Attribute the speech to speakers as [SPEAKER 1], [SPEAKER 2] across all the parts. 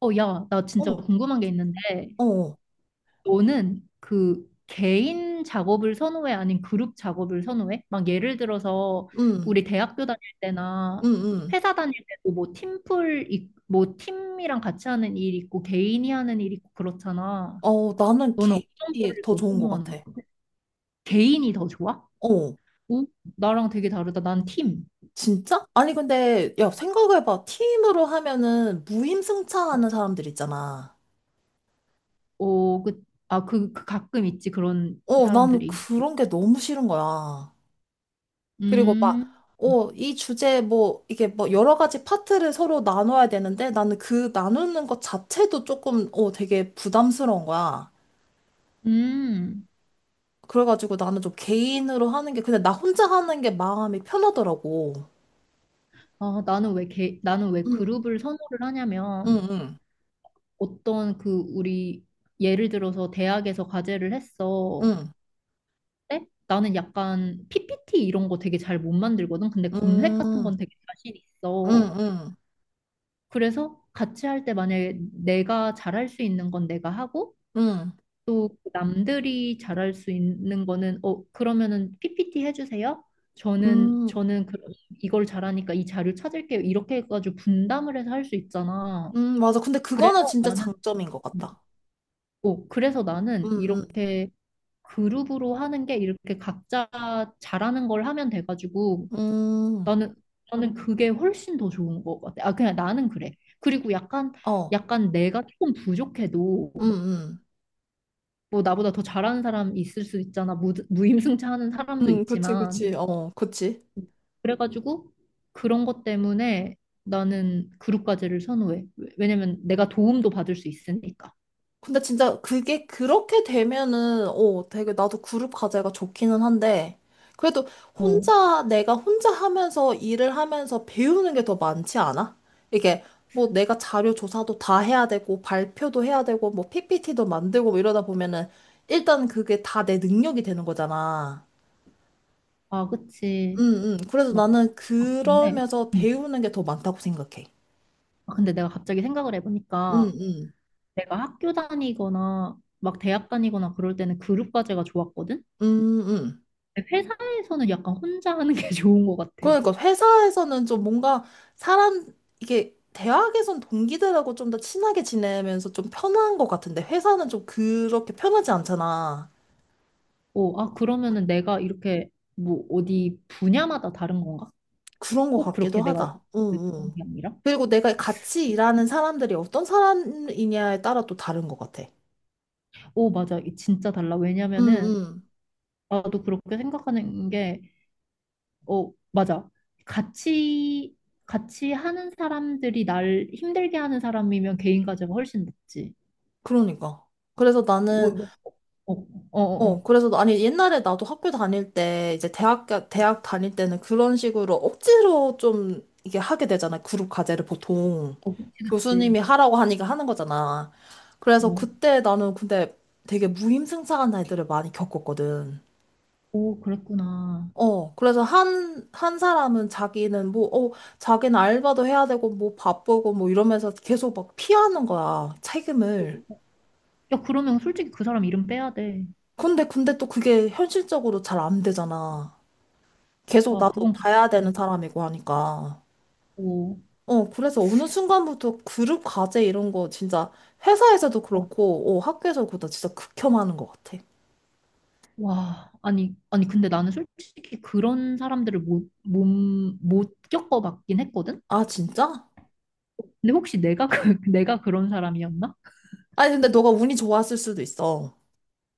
[SPEAKER 1] 야, 나 진짜
[SPEAKER 2] 어,
[SPEAKER 1] 궁금한 게 있는데,
[SPEAKER 2] 어,
[SPEAKER 1] 너는 그 개인 작업을 선호해? 아니면 그룹 작업을 선호해? 막 예를 들어서
[SPEAKER 2] 음,
[SPEAKER 1] 우리 대학교 다닐
[SPEAKER 2] 음,
[SPEAKER 1] 때나
[SPEAKER 2] 음.
[SPEAKER 1] 회사 다닐 때도 뭐 팀플, 뭐 팀이랑 같이 하는 일 있고 개인이 하는 일 있고 그렇잖아.
[SPEAKER 2] 어, 나는
[SPEAKER 1] 너는 어떤
[SPEAKER 2] 개인이
[SPEAKER 1] 거를
[SPEAKER 2] 더
[SPEAKER 1] 더
[SPEAKER 2] 좋은 것
[SPEAKER 1] 선호하는
[SPEAKER 2] 같아.
[SPEAKER 1] 거야? 개인이 더 좋아?
[SPEAKER 2] 어,
[SPEAKER 1] 오, 나랑 되게 다르다. 난 팀.
[SPEAKER 2] 진짜? 아니, 근데, 야, 생각해봐. 팀으로 하면은
[SPEAKER 1] 어,
[SPEAKER 2] 무임승차하는 사람들 있잖아.
[SPEAKER 1] 그 가끔 있지, 그런
[SPEAKER 2] 어, 나는
[SPEAKER 1] 사람들이.
[SPEAKER 2] 그런 게 너무 싫은 거야. 그리고 막,
[SPEAKER 1] 음,
[SPEAKER 2] 어, 이 주제 뭐, 이게 뭐 여러 가지 파트를 서로 나눠야 되는데 나는 그 나누는 것 자체도 조금, 어, 되게 부담스러운 거야.
[SPEAKER 1] 음.
[SPEAKER 2] 그래가지고 나는 좀 개인으로 하는 게, 근데 나 혼자 하는 게 마음이 편하더라고.
[SPEAKER 1] 나는 왜
[SPEAKER 2] 응.
[SPEAKER 1] 그룹을 선호를
[SPEAKER 2] 응,
[SPEAKER 1] 하냐면
[SPEAKER 2] 응,
[SPEAKER 1] 어떤 그 우리 예를 들어서 대학에서 과제를 했어.
[SPEAKER 2] 응,
[SPEAKER 1] 근데 나는 약간 PPT 이런 거 되게 잘 못 만들거든. 근데
[SPEAKER 2] 응,
[SPEAKER 1] 검색 같은
[SPEAKER 2] 응,
[SPEAKER 1] 건 되게 자신 있어.
[SPEAKER 2] 응,
[SPEAKER 1] 그래서 같이 할 때 만약에 내가 잘할 수 있는 건 내가 하고
[SPEAKER 2] 응,
[SPEAKER 1] 또 그 남들이 잘할 수 있는 거는 어 그러면은 PPT 해주세요. 저는
[SPEAKER 2] 응,
[SPEAKER 1] 저는 그, 이걸 잘하니까 이 자료 찾을게요. 이렇게 해가지고 분담을 해서 할 수 있잖아.
[SPEAKER 2] 응. 맞아. 근데
[SPEAKER 1] 그래서
[SPEAKER 2] 그거는 진짜
[SPEAKER 1] 나는,
[SPEAKER 2] 장점인 것 같다.
[SPEAKER 1] 그래서
[SPEAKER 2] 응,
[SPEAKER 1] 나는
[SPEAKER 2] 응,
[SPEAKER 1] 이렇게 그룹으로 하는 게 이렇게 각자 잘하는 걸 하면 돼가지고
[SPEAKER 2] 응,
[SPEAKER 1] 나는, 나는 그게 훨씬 더 좋은 것 같아. 아, 그냥 나는 그래. 그리고 약간,
[SPEAKER 2] 어,
[SPEAKER 1] 약간 내가 조금 부족해도
[SPEAKER 2] 응, 응,
[SPEAKER 1] 뭐 나보다 더 잘하는 사람 있을 수 있잖아. 무임승차 하는 사람도
[SPEAKER 2] 응, 그치, 그치,
[SPEAKER 1] 있지만.
[SPEAKER 2] 어, 그치.
[SPEAKER 1] 그래가지고 그런 것 때문에 나는 그룹 까지를 선호해. 왜냐면 내가 도움도 받을 수 있으니까.
[SPEAKER 2] 근데 진짜 그게 그렇게 되면은, 어, 되게 나도 그룹 과제가 좋기는 한데, 그래도
[SPEAKER 1] 어.
[SPEAKER 2] 혼자, 내가 혼자 하면서 일을 하면서 배우는 게 더 많지 않아? 이게 뭐 내가 자료 조사도 다 해야 되고, 발표도 해야 되고, 뭐 PPT도 만들고 뭐 이러다 보면은, 일단 그게 다 내 능력이 되는 거잖아.
[SPEAKER 1] 아,
[SPEAKER 2] 응,
[SPEAKER 1] 그치.
[SPEAKER 2] 응. 그래서
[SPEAKER 1] 막,
[SPEAKER 2] 나는
[SPEAKER 1] 아, 근데,
[SPEAKER 2] 그러면서
[SPEAKER 1] 음.
[SPEAKER 2] 배우는 게 더 많다고 생각해.
[SPEAKER 1] 아, 근데 내가 갑자기 생각을
[SPEAKER 2] 응,
[SPEAKER 1] 해보니까
[SPEAKER 2] 응.
[SPEAKER 1] 내가 학교 다니거나 막 대학 다니거나 그럴 때는 그룹 과제가 좋았거든?
[SPEAKER 2] 응, 응.
[SPEAKER 1] 근데 회사에서는 약간 혼자 하는 게 좋은 것 같아.
[SPEAKER 2] 그러니까 회사에서는 좀 뭔가 사람 이게 대학에선 동기들하고 좀 더 친하게 지내면서 좀 편한 것 같은데 회사는 좀 그렇게 편하지 않잖아.
[SPEAKER 1] 어, 아, 그러면은 내가 이렇게 뭐 어디 분야마다 다른 건가?
[SPEAKER 2] 그런 것
[SPEAKER 1] 꼭 그렇게
[SPEAKER 2] 같기도
[SPEAKER 1] 내가
[SPEAKER 2] 하다. 응,
[SPEAKER 1] 그런
[SPEAKER 2] 응.
[SPEAKER 1] 게 아니라?
[SPEAKER 2] 그리고 내가 같이 일하는 사람들이 어떤 사람이냐에 따라 또 다른 것 같아.
[SPEAKER 1] 오, 맞아. 이 진짜 달라.
[SPEAKER 2] 응,
[SPEAKER 1] 왜냐면은
[SPEAKER 2] 응.
[SPEAKER 1] 나도 그렇게 생각하는 게 어, 맞아. 같이, 같이 하는 사람들이 날 힘들게 하는 사람이면 개인 가제가 훨씬 낫지.
[SPEAKER 2] 그러니까. 그래서
[SPEAKER 1] 뭐,
[SPEAKER 2] 나는
[SPEAKER 1] 뭐, 어, 어, 어, 어,
[SPEAKER 2] 어, 그래서 아니 옛날에 나도 학교 다닐 때 이제 대학 다닐 때는 그런 식으로 억지로 좀 이게 하게 되잖아. 그룹 과제를 보통
[SPEAKER 1] 그치, 그치.
[SPEAKER 2] 교수님이 하라고 하니까 하는 거잖아. 그래서
[SPEAKER 1] 뭐,
[SPEAKER 2] 그때 나는 근데 되게 무임승차한 아이들을 많이 겪었거든.
[SPEAKER 1] 오, 그랬구나.
[SPEAKER 2] 어, 그래서 한 사람은 자기는 뭐, 어, 자기는 알바도 해야 되고, 뭐 바쁘고, 뭐 이러면서 계속 막 피하는 거야, 책임을.
[SPEAKER 1] 야, 그러면 솔직히 그 사람 이름 빼야 돼.
[SPEAKER 2] 근데 또 그게 현실적으로 잘 안 되잖아. 계속
[SPEAKER 1] 아,
[SPEAKER 2] 나도
[SPEAKER 1] 그건, 그-
[SPEAKER 2] 봐야 되는
[SPEAKER 1] 음,
[SPEAKER 2] 사람이고 하니까.
[SPEAKER 1] 오,
[SPEAKER 2] 어, 그래서 어느 순간부터 그룹 과제 이런 거 진짜 회사에서도
[SPEAKER 1] 어,
[SPEAKER 2] 그렇고, 어, 학교에서도 그렇다. 진짜 극혐하는 것 같아.
[SPEAKER 1] 와, 아니, 아니, 근데 나는 솔직히 그런 사람들을 못 겪어봤긴 했거든?
[SPEAKER 2] 아, 진짜?
[SPEAKER 1] 근데 혹시 내가, 그, 내가 그런 사람이었나?
[SPEAKER 2] 아니, 근데 너가 운이 좋았을 수도 있어.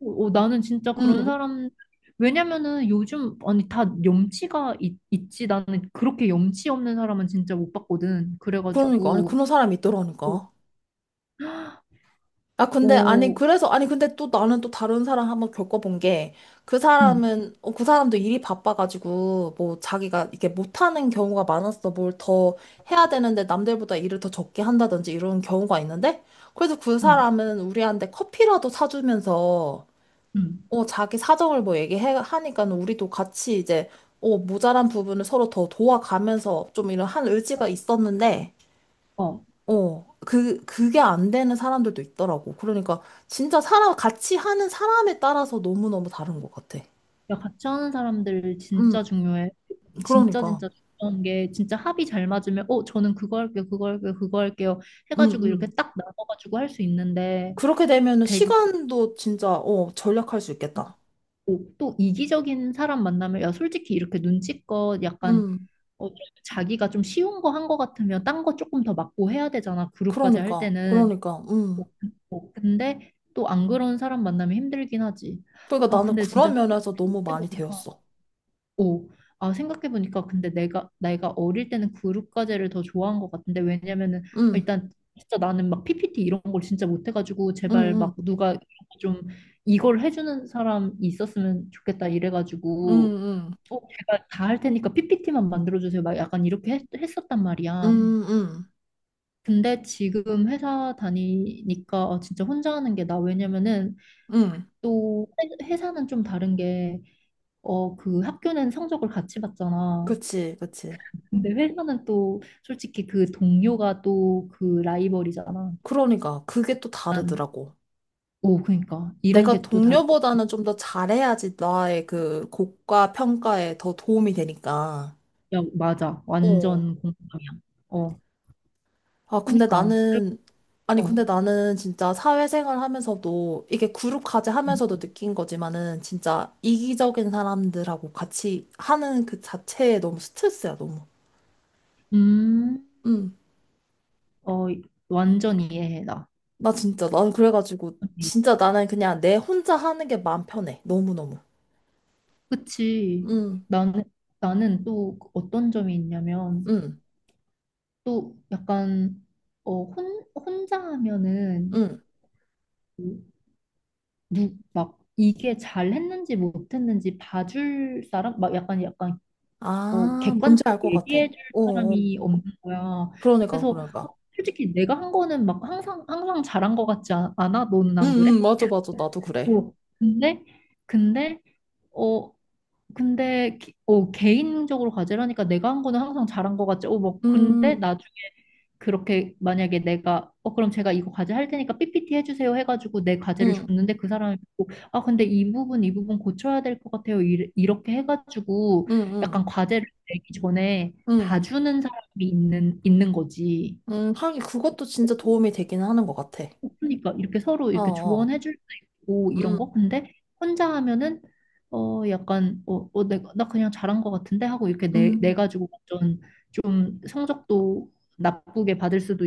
[SPEAKER 1] 나는 진짜
[SPEAKER 2] 응,
[SPEAKER 1] 그런
[SPEAKER 2] 응.
[SPEAKER 1] 사람, 왜냐면은 요즘, 아니, 다 염치가 있지. 나는 그렇게 염치 없는 사람은 진짜 못 봤거든.
[SPEAKER 2] 그러니까. 아니,
[SPEAKER 1] 그래가지고,
[SPEAKER 2] 그런 사람이
[SPEAKER 1] 어,
[SPEAKER 2] 있더라니까. 아, 근데, 아니,
[SPEAKER 1] 어,
[SPEAKER 2] 그래서, 아니, 근데 또 나는 또 다른 사람 한번 겪어본 게, 그
[SPEAKER 1] 응,
[SPEAKER 2] 사람은, 어, 그 사람도 일이 바빠가지고, 뭐, 자기가 이게 못하는 경우가 많았어. 뭘 더 해야 되는데, 남들보다 일을 더 적게 한다든지, 이런 경우가 있는데, 그래서 그
[SPEAKER 1] 응,
[SPEAKER 2] 사람은 우리한테 커피라도 사주면서,
[SPEAKER 1] 응.
[SPEAKER 2] 어, 자기 사정을 뭐 얘기해, 하니까 우리도 같이 이제, 어, 모자란 부분을 서로 더 도와가면서 좀 이런 한 의지가 있었는데,
[SPEAKER 1] 어.
[SPEAKER 2] 어, 그게 안 되는 사람들도 있더라고. 그러니까 진짜 사람, 같이 하는 사람에 따라서 너무너무 다른 것 같아.
[SPEAKER 1] 야, 같이 하는 사람들
[SPEAKER 2] 음,
[SPEAKER 1] 진짜 중요해.
[SPEAKER 2] 그러니까.
[SPEAKER 1] 진짜 중요한 게, 진짜 합이 잘 맞으면, 어, 저는 그거 할게요, 그거 할게요, 그거 할게요.
[SPEAKER 2] 음,
[SPEAKER 1] 해가지고 이렇게
[SPEAKER 2] 음.
[SPEAKER 1] 딱 나눠가지고 할 수 있는데,
[SPEAKER 2] 그렇게 되면은
[SPEAKER 1] 되게,
[SPEAKER 2] 시간도 진짜, 어, 절약할 수 있겠다.
[SPEAKER 1] 또, 또 이기적인 사람 만나면, 야, 솔직히 이렇게 눈치껏 약간
[SPEAKER 2] 음,
[SPEAKER 1] 좀 자기가 좀 쉬운 거 한 거 같으면 딴 거 조금 더 맞고 해야 되잖아. 그룹까지 할
[SPEAKER 2] 그러니까.
[SPEAKER 1] 때는.
[SPEAKER 2] 그러니까.
[SPEAKER 1] 어,
[SPEAKER 2] 음.
[SPEAKER 1] 어, 근데 또 안 그런 사람 만나면 힘들긴 하지.
[SPEAKER 2] 그러니까
[SPEAKER 1] 아,
[SPEAKER 2] 나는
[SPEAKER 1] 근데 진짜
[SPEAKER 2] 그런 면에서 너무 많이
[SPEAKER 1] 생각해보니까,
[SPEAKER 2] 배웠어.
[SPEAKER 1] 오, 아, 생각해보니까 근데 내가 어릴 때는 그룹 과제를 더 좋아한 것 같은데, 왜냐면은
[SPEAKER 2] 음,
[SPEAKER 1] 일단 진짜 나는 막 PPT 이런 걸 진짜 못해가지고,
[SPEAKER 2] 음,
[SPEAKER 1] 제발 막
[SPEAKER 2] 음,
[SPEAKER 1] 누가 좀 이걸 해주는 사람이 있었으면 좋겠다
[SPEAKER 2] 음,
[SPEAKER 1] 이래가지고,
[SPEAKER 2] 음,
[SPEAKER 1] 어, 제가 다 할 테니까 PPT만 만들어주세요. 막 약간 이렇게 했었단 말이야.
[SPEAKER 2] 음, 음.
[SPEAKER 1] 근데 지금 회사 다니니까 아, 진짜 혼자 하는 게 나 왜냐면은
[SPEAKER 2] 음.
[SPEAKER 1] 또 회사는 좀 다른 게 어, 그 학교는 성적을 같이 봤잖아.
[SPEAKER 2] 그치, 그치.
[SPEAKER 1] 근데 회사는 또 솔직히 그 동료가 또 그 라이벌이잖아.
[SPEAKER 2] 그러니까. 그게 또
[SPEAKER 1] 난,
[SPEAKER 2] 다르더라고.
[SPEAKER 1] 오, 그러니까 이런
[SPEAKER 2] 내가
[SPEAKER 1] 게 또 달,
[SPEAKER 2] 동료보다는 좀 더 잘해야지 나의 그 곡과 평가에 더 도움이 되니까.
[SPEAKER 1] 야, 맞아.
[SPEAKER 2] 어,
[SPEAKER 1] 완전 공감이야. 어,
[SPEAKER 2] 아, 근데
[SPEAKER 1] 그러니까.
[SPEAKER 2] 나는, 아니,
[SPEAKER 1] 어.
[SPEAKER 2] 근데 나는 진짜 사회생활 하면서도, 이게 그룹 과제
[SPEAKER 1] 음,
[SPEAKER 2] 하면서도 느낀 거지만은, 진짜 이기적인 사람들하고 같이 하는 그 자체에 너무 스트레스야, 너무.
[SPEAKER 1] 음,
[SPEAKER 2] 응.
[SPEAKER 1] 어, 완전 이해해, 나.
[SPEAKER 2] 나 진짜, 나는 그래가지고,
[SPEAKER 1] 네.
[SPEAKER 2] 진짜 나는 그냥 내 혼자 하는 게 마음 편해. 너무너무.
[SPEAKER 1] 그치.
[SPEAKER 2] 응,
[SPEAKER 1] 나는, 나는 또 어떤 점이 있냐면,
[SPEAKER 2] 응,
[SPEAKER 1] 또 약간, 어, 혼자 하면은,
[SPEAKER 2] 응.
[SPEAKER 1] 그 이게 잘 했는지 못했는지 봐줄 사람? 막 약간, 약간, 어,
[SPEAKER 2] 아, 뭔지
[SPEAKER 1] 객관적으로
[SPEAKER 2] 알 것 같아.
[SPEAKER 1] 얘기해줄
[SPEAKER 2] 어, 어.
[SPEAKER 1] 사람이 없는 거야.
[SPEAKER 2] 그러니까,
[SPEAKER 1] 그래서,
[SPEAKER 2] 그러니까.
[SPEAKER 1] 어, 솔직히 내가 한 거는 막 항상, 항상 잘한 거 같지 않아? 너는
[SPEAKER 2] 응,
[SPEAKER 1] 안 그래?
[SPEAKER 2] 응, 맞아, 맞아. 나도 그래.
[SPEAKER 1] 어. 근데, 근데, 어, 근데 개인적으로 가지라니까 내가 한 거는 항상 잘한 것 같지. 어, 뭐 근데
[SPEAKER 2] 음,
[SPEAKER 1] 나중에 그렇게 만약에 내가 어 그럼 제가 이거 과제 할 테니까 PPT 해주세요 해가지고 내 과제를
[SPEAKER 2] 응,
[SPEAKER 1] 줬는데 그 사람이 보고 아 근데 이 부분 이 부분 고쳐야 될 것 같아요. 이렇게 해가지고
[SPEAKER 2] 응, 응,
[SPEAKER 1] 약간 과제를 내기 전에
[SPEAKER 2] 응.
[SPEAKER 1] 봐주는 사람이 있는 거지.
[SPEAKER 2] 하긴 그것도 진짜 도움이 되기는 하는 것 같아.
[SPEAKER 1] 그러니까 이렇게 서로
[SPEAKER 2] 어,
[SPEAKER 1] 이렇게
[SPEAKER 2] 어.
[SPEAKER 1] 조언해 줄 수 있고 이런
[SPEAKER 2] 음,
[SPEAKER 1] 거 근데 혼자 하면은 어 약간 내가 나 그냥 잘한 것 같은데 하고 이렇게 내
[SPEAKER 2] 음,
[SPEAKER 1] 가지고 완전 좀 성적도 나쁘게 받을 수도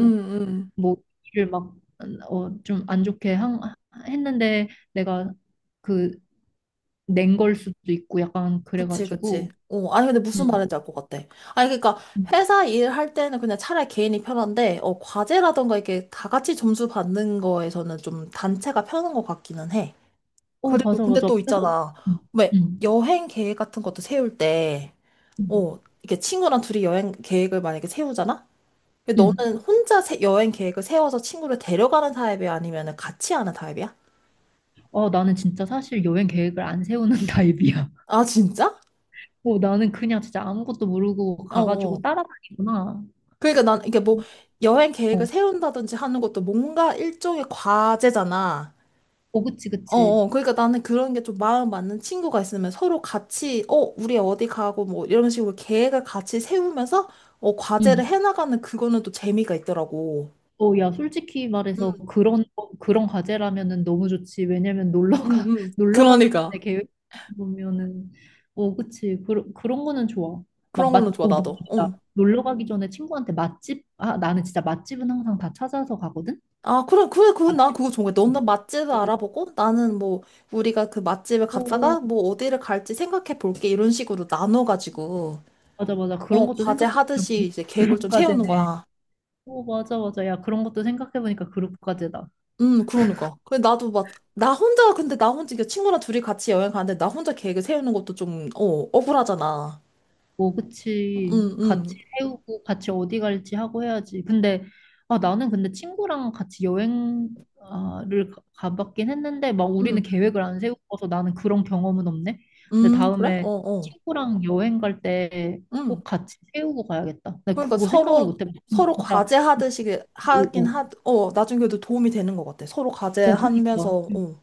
[SPEAKER 2] 음, 음.
[SPEAKER 1] 뭐 일을 막어좀 안 좋게 했는데 내가 그 낸 걸 수도 있고 약간
[SPEAKER 2] 그치, 그치.
[SPEAKER 1] 그래가지고
[SPEAKER 2] 어, 아니, 근데 무슨
[SPEAKER 1] 음.
[SPEAKER 2] 말인지 알 것 같아. 아니, 그러니까
[SPEAKER 1] 음.
[SPEAKER 2] 회사 일 할 때는 그냥 차라리 개인이 편한데, 어, 과제라던가 이게 다 같이 점수 받는 거에서는 좀 단체가 편한 것 같기는 해.
[SPEAKER 1] 어
[SPEAKER 2] 그리고
[SPEAKER 1] 맞아
[SPEAKER 2] 근데
[SPEAKER 1] 맞아
[SPEAKER 2] 또
[SPEAKER 1] 그래서
[SPEAKER 2] 있잖아.
[SPEAKER 1] 음.
[SPEAKER 2] 왜
[SPEAKER 1] 음.
[SPEAKER 2] 여행 계획 같은 것도 세울 때,
[SPEAKER 1] 음.
[SPEAKER 2] 어, 이렇게 친구랑 둘이 여행 계획을 만약에 세우잖아? 근데
[SPEAKER 1] 음.
[SPEAKER 2] 너는 혼자 여행 계획을 세워서 친구를 데려가는 타입이야? 아니면 같이 하는 타입이야?
[SPEAKER 1] 어, 나는 진짜 사실 여행 계획을 안 세우는 타입이야.
[SPEAKER 2] 아, 진짜?
[SPEAKER 1] 어, 나는 그냥 진짜 아무것도 모르고
[SPEAKER 2] 어.
[SPEAKER 1] 가가지고
[SPEAKER 2] 어.
[SPEAKER 1] 따라다니구나.
[SPEAKER 2] 그러니까 난 이게 뭐 여행 계획을
[SPEAKER 1] 어,
[SPEAKER 2] 세운다든지 하는 것도 뭔가 일종의 과제잖아.
[SPEAKER 1] 어, 그치,
[SPEAKER 2] 어,
[SPEAKER 1] 그치.
[SPEAKER 2] 어. 그러니까 나는 그런 게 좀 마음 맞는 친구가 있으면 서로 같이, 어, 우리 어디 가고 뭐 이런 식으로 계획을 같이 세우면서 어,
[SPEAKER 1] 응.
[SPEAKER 2] 과제를 해나가는 그거는 또 재미가 있더라고.
[SPEAKER 1] 어, 야, 솔직히 말해서
[SPEAKER 2] 음,
[SPEAKER 1] 그런 과제라면은 너무 좋지. 왜냐면
[SPEAKER 2] 음,
[SPEAKER 1] 놀러 가기 전에
[SPEAKER 2] 그러니까.
[SPEAKER 1] 계획 보면은, 어, 그치. 그런 거는 좋아.
[SPEAKER 2] 그런 거는 좋아, 나도.
[SPEAKER 1] 맞다
[SPEAKER 2] 응.
[SPEAKER 1] 놀러 가기 전에 아, 나는 진짜 맛집은 항상 다 찾아서 가거든?
[SPEAKER 2] 아, 그래, 그래, 그건 나
[SPEAKER 1] 맛집?
[SPEAKER 2] 그거 좋은 거야. 너는 맛집을 알아보고 나는 뭐 우리가 그 맛집을 갔다가
[SPEAKER 1] 오,
[SPEAKER 2] 뭐 어디를 갈지 생각해 볼게. 이런 식으로 나눠가지고,
[SPEAKER 1] 맞아, 맞아.
[SPEAKER 2] 어,
[SPEAKER 1] 그런 것도
[SPEAKER 2] 과제
[SPEAKER 1] 생각해보면
[SPEAKER 2] 하듯이 이제 계획을
[SPEAKER 1] 그런
[SPEAKER 2] 좀 세우는
[SPEAKER 1] 과제네.
[SPEAKER 2] 거야.
[SPEAKER 1] 오, 맞아, 맞아. 야, 그런 것도 생각해보니까 그룹까지다.
[SPEAKER 2] 그러니까. 그래, 나도 막, 나 혼자, 근데 나 혼자, 이게 친구랑 둘이 같이 여행 가는데 나 혼자 계획을 세우는 것도 좀, 어, 억울하잖아.
[SPEAKER 1] 뭐,
[SPEAKER 2] 음,
[SPEAKER 1] 그치. 같이
[SPEAKER 2] 음,
[SPEAKER 1] 세우고, 같이 어디 갈지 하고 해야지. 근데, 아, 나는 근데 친구랑 같이 여행을 가봤긴 했는데, 막 우리는
[SPEAKER 2] 음,
[SPEAKER 1] 계획을 안 세우고서 나는 그런 경험은 없네. 근데
[SPEAKER 2] 그래? 어,
[SPEAKER 1] 다음에
[SPEAKER 2] 어.
[SPEAKER 1] 친구랑 여행 갈 때
[SPEAKER 2] 음.
[SPEAKER 1] 꼭 같이 세우고 가야겠다. 근데
[SPEAKER 2] 그러니까
[SPEAKER 1] 그거 생각을
[SPEAKER 2] 서로,
[SPEAKER 1] 못 해봤어. 근데
[SPEAKER 2] 서로
[SPEAKER 1] 진짜,
[SPEAKER 2] 과제 하듯이
[SPEAKER 1] 오,
[SPEAKER 2] 하긴
[SPEAKER 1] 오,
[SPEAKER 2] 하, 어, 나중에도 도움이 되는 것 같아. 서로 과제
[SPEAKER 1] 오,
[SPEAKER 2] 하면서,
[SPEAKER 1] 그니까.
[SPEAKER 2] 어.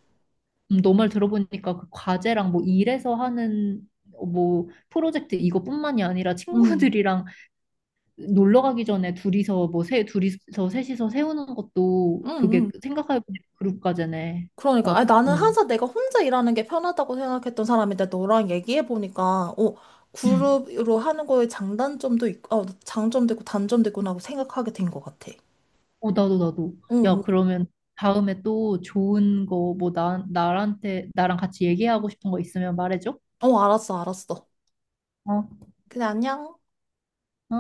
[SPEAKER 1] 너말 들어보니까 그 과제랑 뭐 일에서 하는 뭐 프로젝트 이거뿐만이 아니라
[SPEAKER 2] 응
[SPEAKER 1] 친구들이랑 놀러 가기 전에 둘이서 둘이서 셋이서 세우는 것도
[SPEAKER 2] 응
[SPEAKER 1] 그게
[SPEAKER 2] 응
[SPEAKER 1] 생각해보니 그룹 과제네.
[SPEAKER 2] 그러니까.
[SPEAKER 1] 야,
[SPEAKER 2] 아니, 나는
[SPEAKER 1] 응.
[SPEAKER 2] 항상 내가 혼자 일하는 게 편하다고 생각했던 사람인데, 너랑 얘기해보니까, 어,
[SPEAKER 1] 응.
[SPEAKER 2] 그룹으로 하는 거에 장단점도 있고, 어, 장점도 있고, 단점도 있구나 하고 생각하게 된 것 같아.
[SPEAKER 1] 어, 나도 나도.
[SPEAKER 2] 응,
[SPEAKER 1] 야,
[SPEAKER 2] 응.
[SPEAKER 1] 그러면 다음에 또 좋은 거 뭐 나한테 나랑 같이 얘기하고 싶은 거 있으면 말해줘.
[SPEAKER 2] 어, 알았어, 알았어.
[SPEAKER 1] 어?
[SPEAKER 2] 그래, 안녕.
[SPEAKER 1] 어?